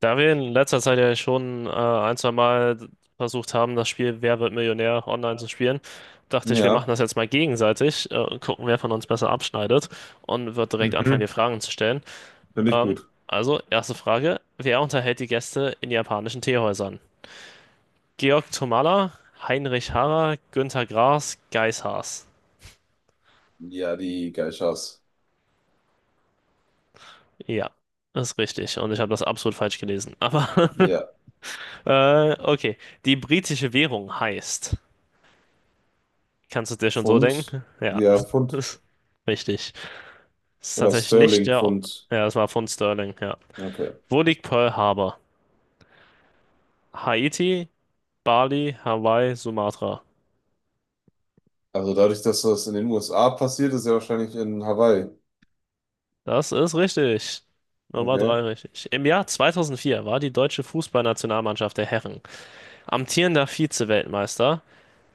Da wir in letzter Zeit ja schon ein, zwei Mal versucht haben, das Spiel Wer wird Millionär online zu spielen, dachte ich, wir machen Ja, das jetzt mal gegenseitig, und gucken, wer von uns besser abschneidet und wird direkt anfangen, mhm. dir Fragen zu stellen. Finde ich Ähm, gut. also, erste Frage: Wer unterhält die Gäste in japanischen Teehäusern? Georg Tomala, Heinrich Harrer, Günther Grass, Geiss Haas. Ja, die Geishas. Ja, das ist richtig und ich habe das absolut falsch gelesen. Aber Ja, okay, die britische Währung heißt. Kannst du dir schon so Pfund, denken? Ja, ja, Pfund richtig. Das ist oder tatsächlich nicht Sterling der. Pfund. Ja, das war von Sterling, ja. Okay. Wo liegt Pearl Harbor? Haiti, Bali, Hawaii, Sumatra. Also dadurch, dass das in den USA passiert, ist ja wahrscheinlich in Hawaii. Das ist richtig. Nummer Okay. drei richtig. Im Jahr 2004 war die deutsche Fußballnationalmannschaft der Herren amtierender Vize-Weltmeister,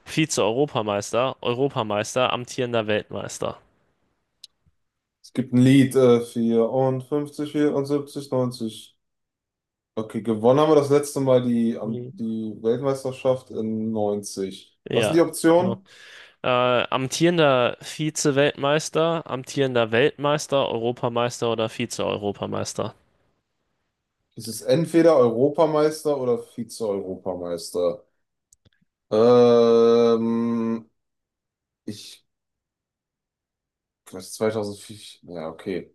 Vize-Europameister, Europameister, amtierender Weltmeister. Es gibt ein Lied, 54, 74, 90. Okay, gewonnen haben wir das letzte Mal Mhm. die Weltmeisterschaft in 90. Was sind die Ja, also Optionen? Amtierender Vize-Weltmeister, amtierender Weltmeister, Europameister oder Vize-Europameister? Es ist entweder Europameister oder Vize-Europameister. Ähm, ich Vielleicht 2004. Ja, okay.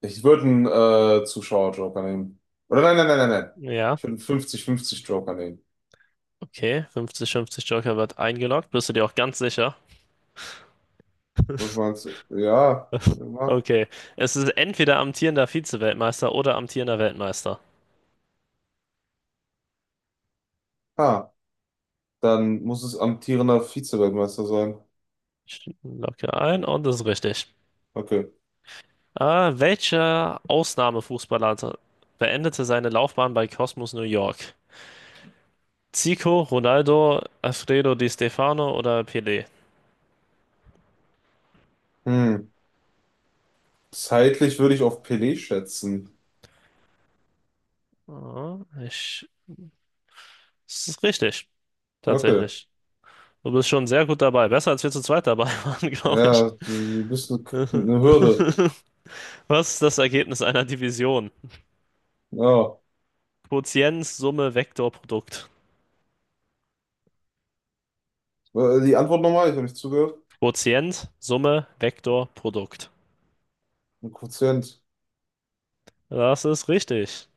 Ich würde einen Zuschauer-Joker nehmen. Oder nein, nein, nein, nein, nein. Ja, Ich würde einen 50-50-Joker nehmen. okay. 50-50 Joker wird eingeloggt. Bist du dir auch ganz sicher? Was meinst du? Ja, ja. Okay. Es ist entweder amtierender Vize-Weltmeister oder amtierender Weltmeister. Ah, dann muss es amtierender Vize-Weltmeister sein. Ich logge ein und das ist richtig. Okay. Welcher Ausnahmefußballer beendete seine Laufbahn bei Cosmos New York? Zico, Ronaldo, Alfredo Di Stefano oder Pelé? Hm. Zeitlich würde ich auf Pelé schätzen. Ah, ich Das ist richtig, Okay. tatsächlich. Du bist schon sehr gut dabei. Besser als wir zu zweit dabei waren, glaube ich. Ja, du bist eine, eine Hürde. Was ist das Ergebnis einer Division? Ja. Quotient, Summe, Vektor, Produkt. Die Antwort nochmal, ich habe nicht zugehört. Quotient, Summe, Vektor, Produkt. Ein Quotient. Das ist richtig.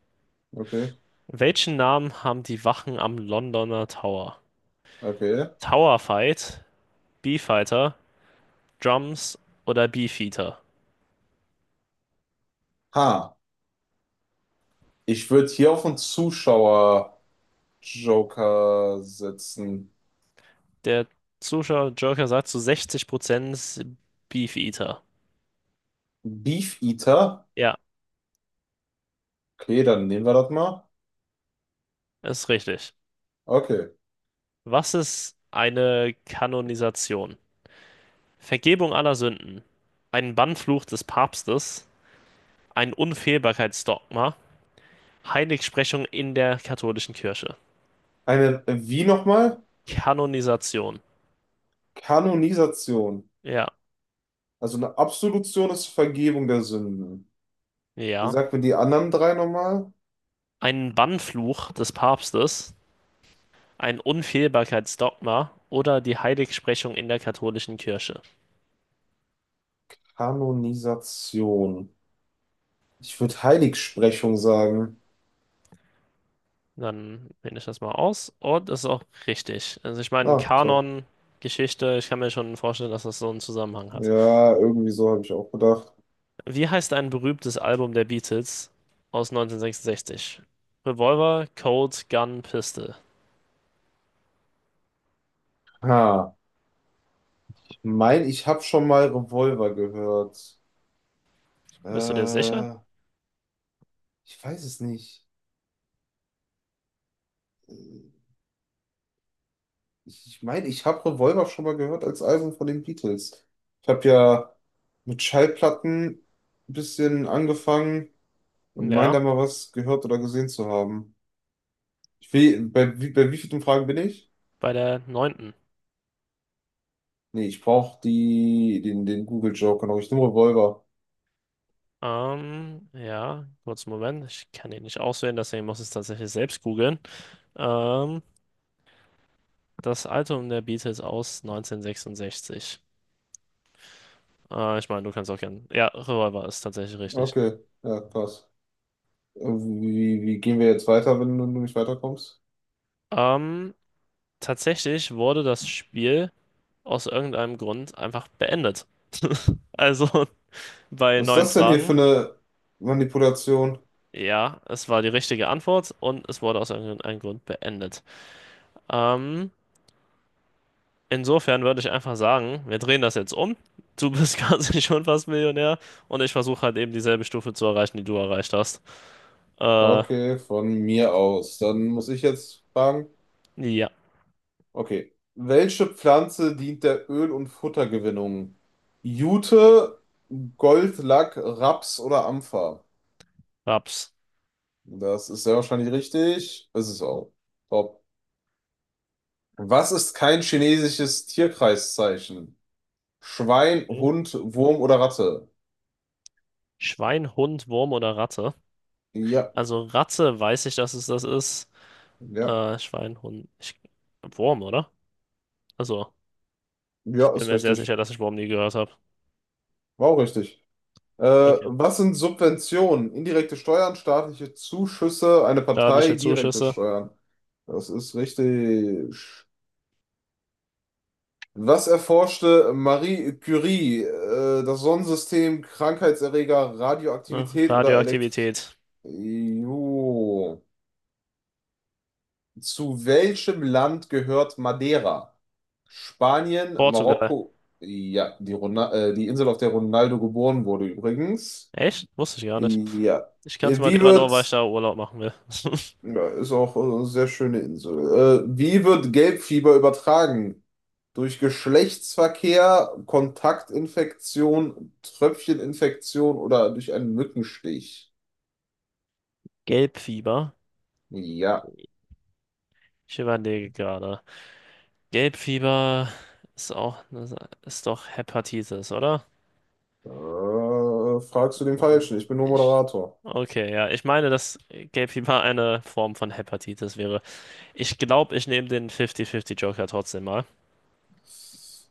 Okay. Welchen Namen haben die Wachen am Londoner Tower? Okay. Tower Fight, B-Fighter, Drums oder Beefeater? Ha. Ich würde hier auf einen Zuschauer Joker setzen. Der Zuschauer Joker sagt zu 60% Beefeater. Beef Eater. Ja, Okay, dann nehmen wir das mal. ist richtig. Okay. Was ist eine Kanonisation? Vergebung aller Sünden, ein Bannfluch des Papstes, ein Unfehlbarkeitsdogma, Heiligsprechung in der katholischen Kirche. Eine, wie nochmal? Kanonisation. Kanonisation. Ja, Also eine Absolution ist Vergebung der Sünden. ja. Sag mir die anderen drei nochmal. Ein Bannfluch des Papstes, ein Unfehlbarkeitsdogma oder die Heiligsprechung in der katholischen Kirche. Kanonisation. Ich würde Heiligsprechung sagen. Dann finde ich das mal aus. Und das ist auch richtig. Also ich meine, Ah, top. Kanon, Geschichte, ich kann mir schon vorstellen, dass das so einen Zusammenhang hat. Ja, irgendwie so habe ich auch gedacht. Wie heißt ein berühmtes Album der Beatles aus 1966? Revolver, Colt, Gun, Pistol. Ha, ich mein, ich habe schon mal Revolver gehört. Bist du dir sicher? Äh, ich weiß es nicht. Äh, Ich meine, ich habe Revolver schon mal gehört als Album von den Beatles. Ich habe ja mit Schallplatten ein bisschen angefangen und meine Ja, da mal was gehört oder gesehen zu haben. Ich will, bei wie vielen Fragen bin ich? bei der neunten. Nee, ich brauche die, den Google Joker noch. Ich nehme Revolver. Ja, kurz einen Moment. Ich kann ihn nicht auswählen, deswegen muss ich es tatsächlich selbst googeln. Ähm, Das Album der Beatles aus 1966. Ich meine, du kannst auch gerne. Ja, Revolver ist tatsächlich richtig. Okay, ja, krass. Wie gehen wir jetzt weiter, wenn du nicht weiterkommst? Ähm, Tatsächlich wurde das Spiel aus irgendeinem Grund einfach beendet. Also bei Was ist neun das denn hier für Fragen. eine Manipulation? Ja, es war die richtige Antwort und es wurde aus irgendeinem Grund beendet. Ähm, Insofern würde ich einfach sagen, wir drehen das jetzt um. Du bist quasi schon fast Millionär und ich versuche halt eben dieselbe Stufe zu erreichen, die du erreicht hast. Äh, Okay, von mir aus. Dann muss ich jetzt fragen. ja, Okay. Welche Pflanze dient der Öl- und Futtergewinnung? Jute, Goldlack, Raps oder Ampfer? Raps. Das ist sehr wahrscheinlich richtig. Es ist auch top. Was ist kein chinesisches Tierkreiszeichen? Schwein, Okay. Hund, Wurm oder Ratte? Schwein, Hund, Wurm oder Ratte? Ja, Also Ratte weiß ich, dass es das ist. ja, Schwein, Hund, Wurm, oder? Also, ich ja, bin ist mir sehr sicher, richtig. dass ich Wurm nie gehört habe. War auch richtig. Äh, Okay. was sind Subventionen? Indirekte Steuern, staatliche Zuschüsse, eine Partei, Staatliche direkte Zuschüsse. Steuern. Das ist richtig. Was erforschte Marie Curie? Das Sonnensystem, Krankheitserreger, Ach, Radioaktivität oder Elektrizität? Radioaktivität. Jo. Zu welchem Land gehört Madeira? Spanien, Portugal. Marokko, ja, die Insel, auf der Ronaldo geboren wurde übrigens. Echt? Wusste ich gar nicht. Ja. Ich kann kannte Wie Madeira nur, weil ich wird da Urlaub machen will. Ja, ist auch eine sehr schöne Insel. Wie wird Gelbfieber übertragen? Durch Geschlechtsverkehr, Kontaktinfektion, Tröpfcheninfektion oder durch einen Mückenstich? Gelbfieber. Ja, Ich überlege gerade. Gelbfieber ist auch, ist doch Hepatitis, oder? Fragst du den Falschen. Ich bin nur Ich, Moderator. okay, ja. Ich meine, dass Gelbfieber eine Form von Hepatitis wäre. Ich glaube, ich nehme den 50-50 Joker trotzdem mal.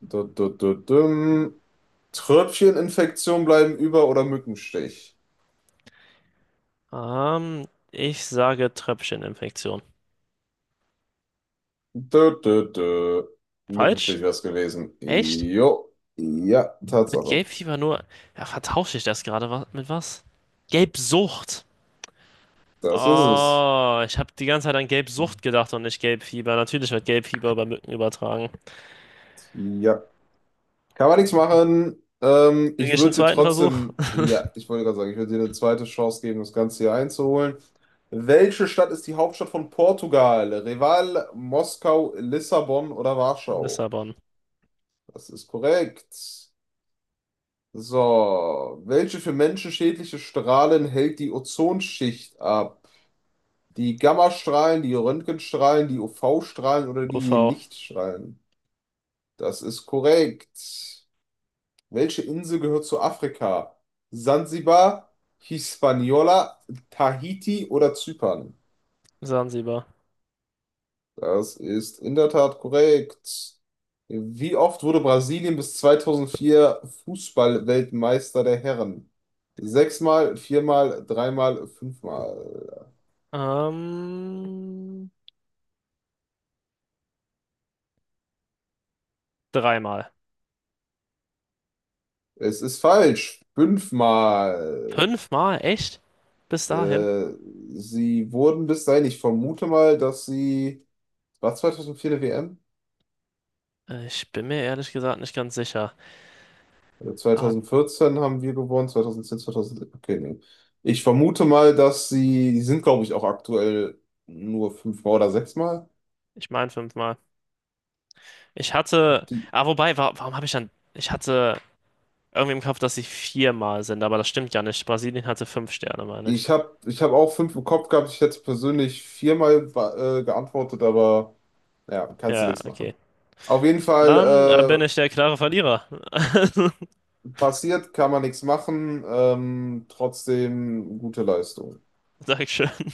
Du, dum. Tröpfcheninfektion bleiben über oder Mückenstich? Ähm, Ich sage Tröpfcheninfektion. Dö, dö, dö. Mückenstich Falsch? wäre es gewesen. Echt? Jo, ja, Mit Tatsache. Gelbfieber nur. Ja, vertausche ich das gerade mit was? Gelbsucht. Das ist es. Oh, ich habe die ganze Zeit an Gelbsucht gedacht und nicht Gelbfieber. Natürlich wird Gelbfieber über Mücken übertragen. Ja. Kann man nichts machen. Ähm, Kriege ich ich einen würde dir zweiten Versuch? trotzdem, ja, ich wollte gerade sagen, ich würde dir eine zweite Chance geben, das Ganze hier einzuholen. Welche Stadt ist die Hauptstadt von Portugal? Reval, Moskau, Lissabon oder Warschau? Lissabon. Das ist korrekt. So, welche für Menschen schädliche Strahlen hält die Ozonschicht ab? Die Gammastrahlen, die Röntgenstrahlen, die UV-Strahlen oder die UV. Lichtstrahlen? Das ist korrekt. Welche Insel gehört zu Afrika? Sansibar, Hispaniola, Tahiti oder Zypern? Sansibar. Das ist in der Tat korrekt. Wie oft wurde Brasilien bis 2004 Fußballweltmeister der Herren? Sechsmal, viermal, dreimal, fünfmal. Ähm, Dreimal. Es ist falsch. Fünfmal. Fünfmal? Echt? Bis dahin? Äh, sie wurden bis dahin, ich vermute mal, dass sie. War 2004 eine WM? Ich bin mir ehrlich gesagt nicht ganz sicher. Also Ah, 2014 haben wir gewonnen, 2010, 2011. Okay, nee. Ich vermute mal, dass sie, die sind, glaube ich, auch aktuell nur fünfmal oder sechsmal. Ich meine fünfmal. Ich hatte. Die, Ah, wobei, wa Warum habe ich dann. Ich hatte Irgendwie im Kopf, dass sie viermal sind, aber das stimmt ja nicht. Brasilien hatte fünf Sterne, meine ich. ich habe ich hab auch fünf im Kopf gehabt. Ich hätte persönlich viermal geantwortet, aber ja, kannst du Ja, nichts okay. machen. Auf jeden Fall Dann bin ich der klare Verlierer. Passiert, kann man nichts machen. Trotzdem gute Leistung. Dankeschön.